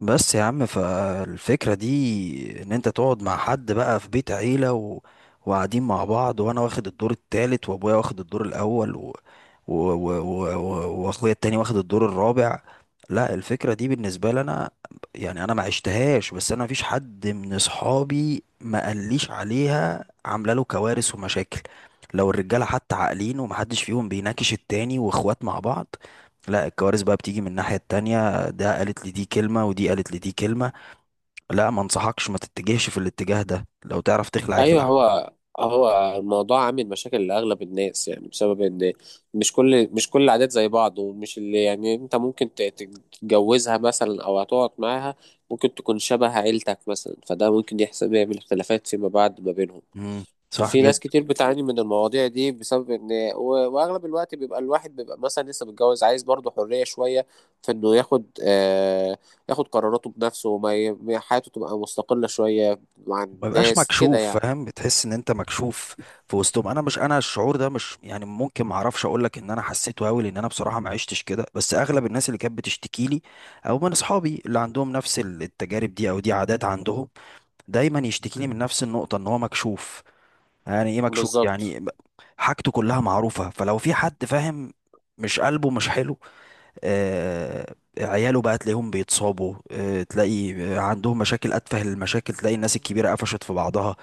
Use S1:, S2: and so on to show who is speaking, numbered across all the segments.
S1: بس يا عم، فالفكرة دي ان انت تقعد مع حد بقى في بيت عيلة وقاعدين مع بعض، وانا واخد الدور التالت، وابويا واخد الدور الاول واخويا التاني واخد الدور الرابع. لا، الفكرة دي بالنسبة لي انا، يعني انا ما عشتهاش، بس انا مفيش حد من اصحابي ما قاليش عليها عاملة له كوارث ومشاكل. لو الرجالة حتى عاقلين ومحدش فيهم بيناكش التاني، واخوات مع بعض، لا الكوارث بقى بتيجي من الناحية التانية. ده قالت لي دي كلمة، ودي قالت لي دي كلمة. لا، ما انصحكش، ما تتجهش في الاتجاه ده، لو تعرف تخلع
S2: ايوه
S1: اخلع.
S2: هو الموضوع عامل مشاكل لاغلب الناس، يعني بسبب ان مش كل العادات زي بعض، ومش اللي يعني انت ممكن تتجوزها مثلا او هتقعد معاها، ممكن تكون شبه عيلتك مثلا، فده ممكن يحسب يعمل اختلافات فيما بعد ما بينهم.
S1: امم صح
S2: ففي
S1: جدا.
S2: ناس كتير بتعاني من المواضيع دي بسبب ان واغلب الوقت بيبقى الواحد، بيبقى مثلا لسه متجوز، عايز برضه حرية شوية في انه ياخد، ياخد قراراته بنفسه، حياته تبقى مستقلة شوية عن
S1: ما يبقاش
S2: الناس كده
S1: مكشوف،
S2: يعني.
S1: فاهم؟ بتحس ان انت مكشوف في وسطهم. انا مش، انا الشعور ده مش يعني ممكن ما اعرفش اقول لك ان انا حسيته قوي لان انا بصراحه ما عشتش كده، بس اغلب الناس اللي كانت بتشتكي لي او من اصحابي اللي عندهم نفس التجارب دي، او دي عادات عندهم، دايما يشتكي لي من نفس النقطه، ان هو مكشوف. يعني ايه مكشوف
S2: بالظبط.
S1: يعني؟ حاجته كلها معروفه، فلو في حد فاهم مش قلبه مش حلو، عياله بقى تلاقيهم بيتصابوا، تلاقي عندهم مشاكل، أتفه المشاكل تلاقي الناس الكبيرة قفشت في بعضها.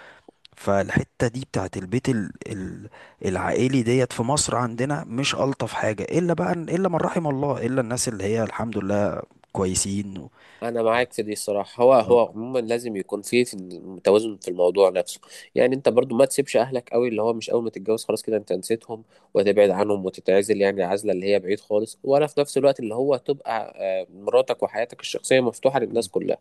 S1: فالحتة دي بتاعت البيت العائلي ديت في مصر عندنا مش ألطف حاجة، إلا بقى، إلا من رحم الله، إلا الناس اللي هي الحمد لله كويسين و...
S2: انا معاك في دي الصراحه، هو
S1: اه.
S2: هو عموما لازم يكون فيه في توازن في الموضوع نفسه. يعني انت برضو ما تسيبش اهلك قوي، اللي هو مش اول ما تتجوز خلاص كده انت نسيتهم وتبعد عنهم وتتعزل، يعني عزله اللي هي بعيد خالص، ولا في نفس الوقت اللي هو تبقى مراتك وحياتك الشخصيه مفتوحه للناس
S1: مم.
S2: كلها،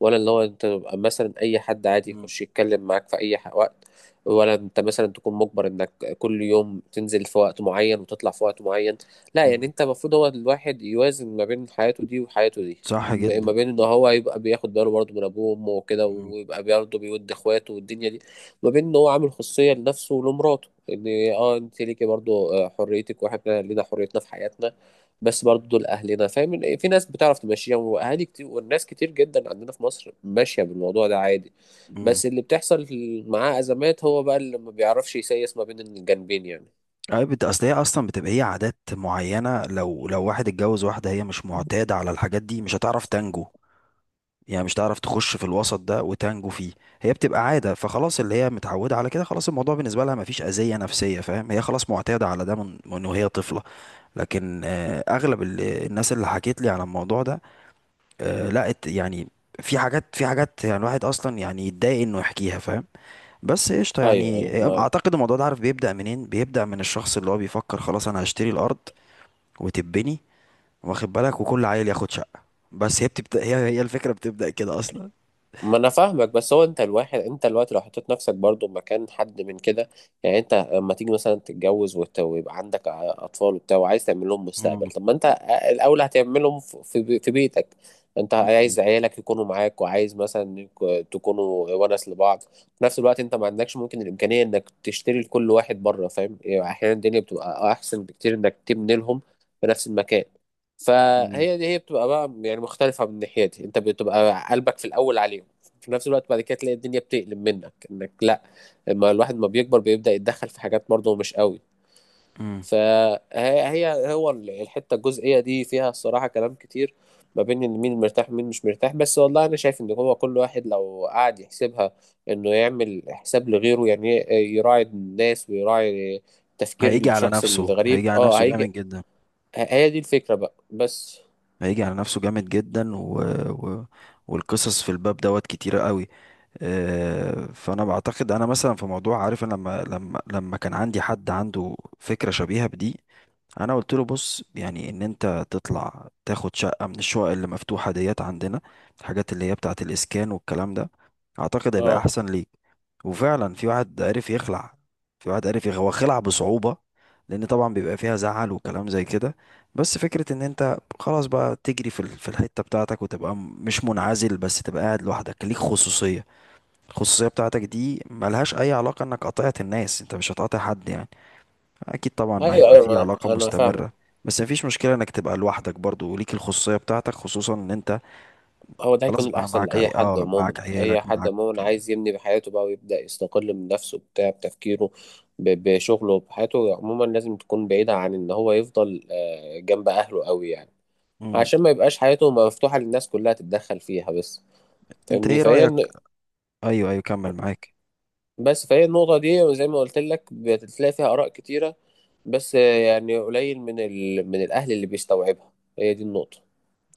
S2: ولا اللي هو انت تبقى مثلا اي حد عادي
S1: مم.
S2: يخش يتكلم معاك في اي وقت، ولا انت مثلا تكون مجبر انك كل يوم تنزل في وقت معين وتطلع في وقت معين. لا، يعني
S1: مم.
S2: انت المفروض، هو الواحد يوازن ما بين حياته دي وحياته دي،
S1: صح جدا.
S2: ما بين ان هو يبقى بياخد باله برضه من ابوه وامه وكده،
S1: مم.
S2: ويبقى برضه بيود اخواته والدنيا دي، ما بين ان هو عامل خصوصية لنفسه ولمراته، ان اه انت ليكي برضه حريتك واحنا لينا حريتنا في حياتنا. بس برضه دول اهلنا، فاهم؟ إن في ناس بتعرف تمشيها، واهالي كتير والناس كتير جدا عندنا في مصر ماشية بالموضوع ده عادي.
S1: مم.
S2: بس اللي بتحصل معاه ازمات هو بقى اللي ما بيعرفش يسيس ما بين الجانبين يعني.
S1: أي أصل هي أصلا بتبقى هي عادات معينة، لو لو واحد اتجوز واحدة هي مش معتادة على الحاجات دي مش هتعرف تنجو، يعني مش تعرف تخش في الوسط ده وتنجو فيه. هي بتبقى عادة، فخلاص اللي هي متعودة على كده، خلاص الموضوع بالنسبة لها مفيش أذية نفسية، فاهم؟ هي خلاص معتادة على ده من وهي طفلة. لكن أغلب الناس اللي حكيت لي على الموضوع ده لقت، يعني في حاجات، يعني الواحد أصلا يعني يتضايق إنه يحكيها، فاهم؟ بس قشطة.
S2: ايوه ايوه
S1: يعني
S2: معاك.
S1: أعتقد الموضوع ده، عارف بيبدأ منين؟ بيبدأ من الشخص اللي هو بيفكر خلاص أنا هشتري الأرض وتبني، واخد بالك؟ وكل عيل ياخد شقة. بس هي بتبدأ، هي الفكرة بتبدأ كده أصلا.
S2: ما انا فاهمك، بس هو انت الواحد، انت دلوقتي لو حطيت نفسك برضو مكان حد من كده، يعني انت لما تيجي مثلا تتجوز ويبقى عندك اطفال وبتاع، وعايز تعمل لهم مستقبل، طب ما انت الاول هتعملهم في بيتك. انت
S1: مم.
S2: عايز عيالك يكونوا معاك، وعايز مثلا انك تكونوا ونس لبعض، في نفس الوقت انت ما عندكش ممكن الامكانيه انك تشتري لكل واحد بره، فاهم يعني؟ احيانا الدنيا بتبقى احسن بكتير انك تبني لهم في نفس المكان.
S1: مم.
S2: فهي دي هي بتبقى بقى يعني مختلفة، من ناحيتي انت بتبقى قلبك في الاول عليهم، في نفس الوقت بعد كده تلاقي الدنيا بتقلب منك انك لا، لما الواحد ما بيكبر بيبدأ يتدخل في حاجات برضه مش قوي.
S1: مم.
S2: فهي هو الحتة الجزئية دي فيها الصراحة كلام كتير، ما بين ان مين مرتاح ومين مش مرتاح. بس والله انا شايف ان هو كل واحد لو قعد يحسبها، انه يعمل حساب لغيره، يعني يراعي الناس ويراعي تفكير
S1: هيجي على
S2: الشخص
S1: نفسه،
S2: الغريب،
S1: هيجي على نفسه
S2: هيجي.
S1: جامد جدا.
S2: هي دي الفكرة بقى بس.
S1: هيجي على نفسه جامد جدا و... والقصص في الباب دوت كتيرة قوي. فانا بعتقد انا مثلا في موضوع، عارف انا لما كان عندي حد عنده فكرة شبيهة بدي، انا قلت له بص، يعني ان انت تطلع تاخد شقه من الشقق اللي مفتوحه ديت عندنا، الحاجات اللي هي بتاعه الاسكان والكلام ده، اعتقد هيبقى
S2: اه،
S1: احسن ليك. وفعلا في واحد عرف يخلع. في واحد عرف يخلع، هو خلع بصعوبة لأن طبعا بيبقى فيها زعل وكلام زي كده. بس فكرة إن أنت خلاص بقى تجري في في الحتة بتاعتك، وتبقى مش منعزل، بس تبقى قاعد لوحدك ليك خصوصية. الخصوصية بتاعتك دي ملهاش أي علاقة إنك قاطعت الناس، أنت مش هتقاطع حد يعني. اكيد طبعا
S2: ايوه
S1: هيبقى
S2: ايوه
S1: في علاقة
S2: انا فاهم.
S1: مستمرة، بس مفيش مشكلة انك تبقى لوحدك برضو وليك الخصوصية بتاعتك، خصوصا ان انت
S2: هو ده
S1: خلاص
S2: هيكون
S1: بقى
S2: الأحسن
S1: معاك عي...
S2: لأي حد
S1: اه
S2: عموما،
S1: معاك
S2: أي
S1: عيالك
S2: حد
S1: معاك.
S2: عموما عايز يبني بحياته بقى ويبدأ يستقل من نفسه، بتاع بتفكيره بشغله بحياته، عموما لازم تكون بعيدة عن إن هو يفضل جنب أهله قوي يعني،
S1: مم.
S2: عشان ما يبقاش حياته مفتوحة للناس كلها تتدخل فيها بس.
S1: انت
S2: فاهمني؟
S1: ايه رأيك؟ ايوه ايوه، كمل معاك.
S2: بس فهي النقطة دي زي ما قلت لك بتلاقي فيها آراء كتيرة، بس يعني قليل من من الأهل اللي بيستوعبها. هي دي النقطة.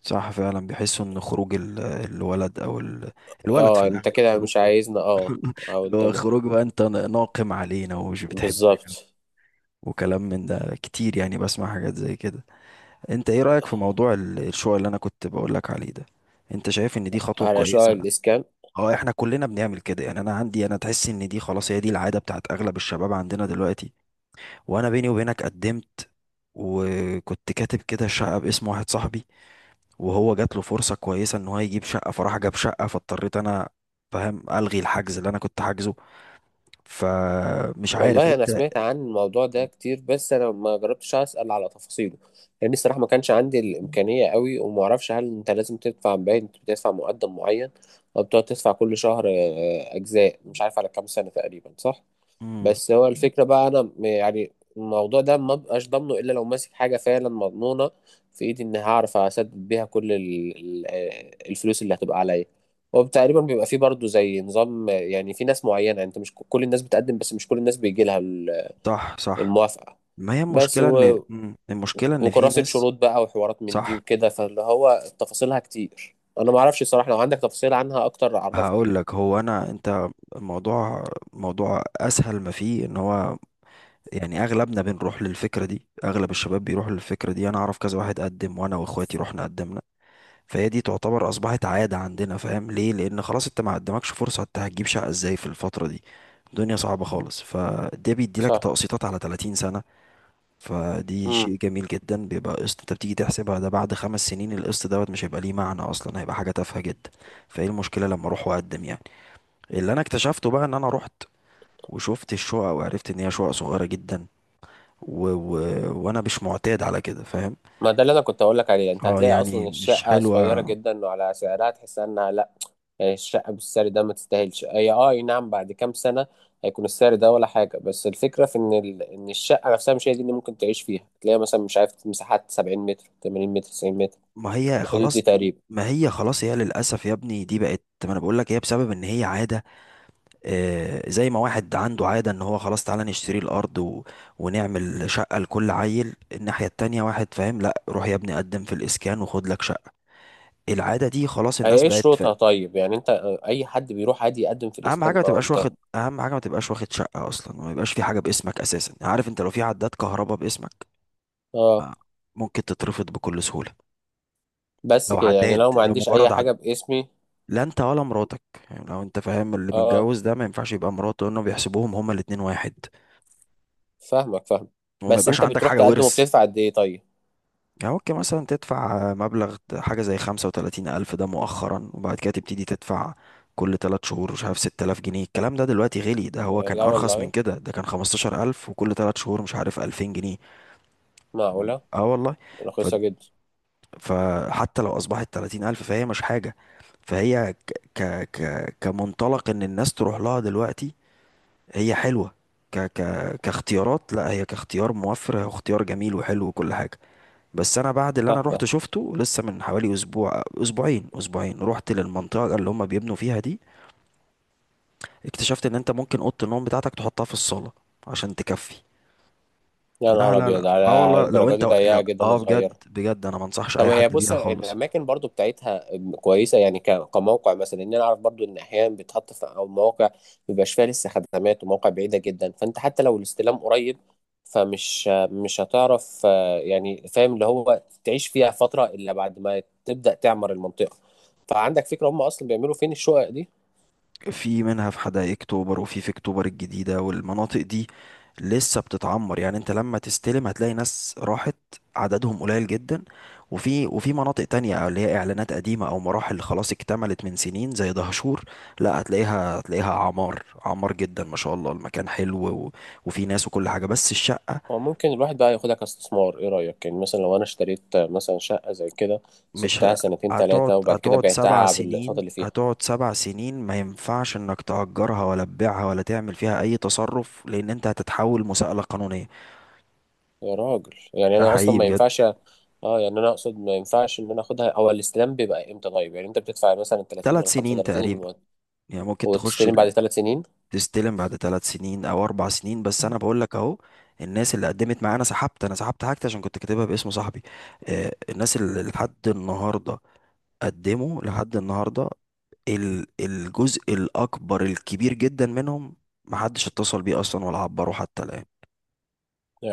S1: صح، فعلا بيحسوا ان خروج الولد الولد في
S2: اه، انت
S1: الاغلب
S2: كده مش
S1: خروجه
S2: عايزنا، اه. او
S1: اللي
S2: انت
S1: هو خروج بقى انت ناقم علينا ومش بتحبنا،
S2: بالظبط.
S1: وكلام من ده كتير، يعني بسمع حاجات زي كده. انت ايه رأيك في موضوع الشقق اللي انا كنت بقولك عليه ده؟ انت شايف ان دي خطوة
S2: على شعر
S1: كويسة؟
S2: الإسكان،
S1: اه، احنا كلنا بنعمل كده يعني. انا عندي، انا تحس ان دي خلاص هي دي العاده بتاعت اغلب الشباب عندنا دلوقتي. وانا بيني وبينك قدمت، وكنت كاتب كده شقه باسم واحد صاحبي، وهو جات له فرصه كويسه ان هو يجيب شقه، فراح جاب شقه، فاضطريت انا، فاهم؟ الغي الحجز اللي انا كنت حاجزه. فمش عارف
S2: والله أنا
S1: انت.
S2: سمعت عن الموضوع ده كتير، بس أنا ما جربتش أسأل على تفاصيله، لأن الصراحة ما كانش عندي الإمكانية قوي، وما أعرفش هل أنت لازم تدفع، باين أنت بتدفع مقدم معين، أو بتقعد تدفع كل شهر أجزاء، مش عارف على كام سنة تقريبا، صح؟
S1: امم
S2: بس هو الفكرة بقى، أنا يعني الموضوع ده ما بقاش ضامنه إلا لو ماسك حاجة فعلا مضمونة في إيدي، إن هعرف أسدد بيها كل الفلوس اللي هتبقى عليا. هو تقريبا بيبقى فيه برضه زي نظام، يعني في ناس معينة، يعني أنت مش كل الناس بتقدم، بس مش كل الناس بيجي لها
S1: صح صح.
S2: الموافقة.
S1: ما هي
S2: بس
S1: المشكله ان المشكله ان في
S2: وكراسة
S1: ناس.
S2: شروط بقى وحوارات من دي
S1: صح.
S2: وكده، فاللي هو تفاصيلها كتير أنا معرفش الصراحة، لو عندك تفاصيل عنها أكتر عرفني
S1: هقول
S2: يعني.
S1: لك. هو انا انت الموضوع موضوع اسهل ما فيه ان هو، يعني اغلبنا بنروح للفكره دي، اغلب الشباب بيروحوا للفكره دي. انا اعرف كذا واحد قدم، وانا واخواتي رحنا قدمنا. فهي دي تعتبر اصبحت عاده عندنا، فاهم ليه؟ لان خلاص انت ما قدمكش فرصه، انت هتجيب شقه ازاي في الفتره دي؟ الدنيا صعبه خالص. فده بيديلك
S2: صح،
S1: تقسيطات على 30 سنه، فدي شيء جميل جدا. بيبقى قسط انت بتيجي تحسبها ده بعد 5 سنين القسط دوت مش هيبقى ليه معنى اصلا، هيبقى حاجه تافهه جدا. فايه المشكله لما اروح واقدم يعني؟ اللي انا اكتشفته بقى ان انا رحت وشفت الشقق، وعرفت ان هي شقق صغيره جدا، و... و... وانا مش معتاد على كده، فاهم؟
S2: ما ده اللي انا كنت اقول لك عليه، انت
S1: اه،
S2: هتلاقي
S1: يعني
S2: اصلا
S1: مش
S2: الشقه صغيره
S1: حلوه.
S2: جدا، وعلى سعرها تحس انها لا، يعني الشقه بالسعر ده ما تستاهلش، هي أي نعم، بعد كام سنه هيكون السعر ده ولا حاجه، بس الفكره في ان ان الشقه نفسها مش هي دي اللي ممكن تعيش فيها، تلاقي مثلا مش عارف مساحات 70 متر، 80 متر، 90 متر،
S1: ما هي
S2: الحدود دي
S1: خلاص
S2: تقريبا.
S1: ما هي خلاص، هي للاسف يا ابني دي بقت، ما انا بقول لك هي بسبب ان هي عاده. آه زي ما واحد عنده عاده ان هو خلاص تعالى نشتري الارض ونعمل شقه لكل عيل، الناحيه التانية واحد فاهم لا، روح يا ابني قدم في الاسكان وخد لك شقه. العاده دي خلاص
S2: هي
S1: الناس
S2: ايه
S1: بقت.
S2: شروطها طيب؟ يعني انت اي حد بيروح عادي يقدم في الاسكان، ما هو ممتاز.
S1: اهم حاجه ما تبقاش واخد شقه اصلا، وما يبقاش في حاجه باسمك اساسا. عارف، انت لو في عداد كهرباء باسمك
S2: اه.
S1: ممكن تترفض بكل سهوله.
S2: بس
S1: لو
S2: كده يعني
S1: عداد،
S2: لو ما
S1: لو
S2: عنديش اي
S1: مجرد عداد.
S2: حاجه باسمي؟
S1: لا انت ولا مراتك، يعني لو انت فاهم، اللي
S2: اه،
S1: متجوز ده ما ينفعش يبقى مراته، لانه بيحسبوهم هما الاتنين واحد،
S2: فاهمك فاهم.
S1: وما
S2: بس
S1: يبقاش
S2: انت
S1: عندك
S2: بتروح
S1: حاجه
S2: تقدم
S1: ورث.
S2: وبتدفع قد ايه طيب؟
S1: يعني ممكن مثلا تدفع مبلغ حاجه زي 35,000، ده مؤخرا، وبعد كده تبتدي تدفع كل تلات شهور مش عارف 6,000 جنيه. الكلام ده دلوقتي غلي، ده هو كان
S2: لا
S1: أرخص من
S2: والله،
S1: كده، ده كان 15,000 وكل تلات شهور مش عارف 2,000 جنيه.
S2: معقولة،
S1: اه والله. ف...
S2: رخيصة جدا.
S1: فحتى لو اصبحت 30,000 فهي مش حاجة. فهي كمنطلق ان الناس تروح لها دلوقتي هي حلوة. ك... ك... كاختيارات، لا هي كاختيار موفر، هي اختيار جميل وحلو وكل حاجة. بس انا بعد اللي انا
S2: صح
S1: رحت
S2: صح.
S1: شفته لسه من حوالي اسبوعين، رحت للمنطقة اللي هم بيبنوا فيها دي، اكتشفت ان انت ممكن اوضة النوم بتاعتك تحطها في الصالة عشان تكفي.
S2: يا
S1: لا
S2: نهار
S1: لا لا،
S2: أبيض،
S1: اه
S2: على
S1: والله لو
S2: الدرجة
S1: انت،
S2: دي
S1: لو
S2: ضيقة جدا
S1: اه، بجد
S2: وصغيرة.
S1: بجد انا ما انصحش
S2: طب
S1: اي
S2: هي
S1: حد
S2: بص،
S1: بيها خالص.
S2: الأماكن برضو بتاعتها كويسة يعني، كموقع مثلا، إن أنا أعرف برضو إن أحيانا بيتحط في أو مواقع مبيبقاش فيها لسه خدمات، ومواقع بعيدة جدا، فأنت حتى لو الاستلام قريب فمش مش هتعرف يعني فاهم اللي هو تعيش فيها فترة إلا بعد ما تبدأ تعمر المنطقة. فعندك فكرة هم أصلا بيعملوا فين الشقق دي؟
S1: في منها في حدائق اكتوبر وفي اكتوبر الجديدة، والمناطق دي لسه بتتعمر، يعني انت لما تستلم هتلاقي ناس راحت عددهم قليل جدا. وفي مناطق تانية اللي هي اعلانات قديمة او مراحل خلاص اكتملت من سنين زي دهشور، لا هتلاقيها، هتلاقيها عمار عمار جدا ما شاء الله، المكان حلو و- وفي ناس وكل حاجة، بس الشقة.
S2: هو ممكن الواحد بقى ياخدها كاستثمار، ايه رأيك؟ يعني مثلا لو انا اشتريت مثلا شقة زي كده،
S1: مش ه-
S2: سبتها سنتين ثلاثة، وبعد كده
S1: هتقعد سبع
S2: بعتها بالاقساط
S1: سنين
S2: اللي فيها.
S1: هتقعد سبع سنين، ما ينفعش انك تأجرها ولا تبيعها ولا تعمل فيها اي تصرف لان انت هتتحول مساءلة قانونية.
S2: يا راجل، يعني
S1: ده
S2: انا اصلا
S1: حقيقي
S2: ما
S1: بجد.
S2: ينفعش، اه يعني انا اقصد ما ينفعش ان انا اخدها، هو الاستلام بيبقى امتى طيب؟ يعني انت بتدفع مثلا 30
S1: ثلاث
S2: ولا
S1: سنين
S2: 35
S1: تقريبا،
S2: المقدم،
S1: يعني ممكن تخش
S2: وتستلم بعد 3 سنين؟
S1: تستلم بعد 3 سنين او 4 سنين. بس انا بقول لك اهو، الناس اللي قدمت معايا انا سحبت. انا سحبت حاجتي عشان كنت كاتبها باسم صاحبي. الناس اللي لحد النهارده قدموا لحد النهارده، الجزء الكبير جدا منهم محدش اتصل بيه اصلا ولا عبره حتى الان.
S2: مم.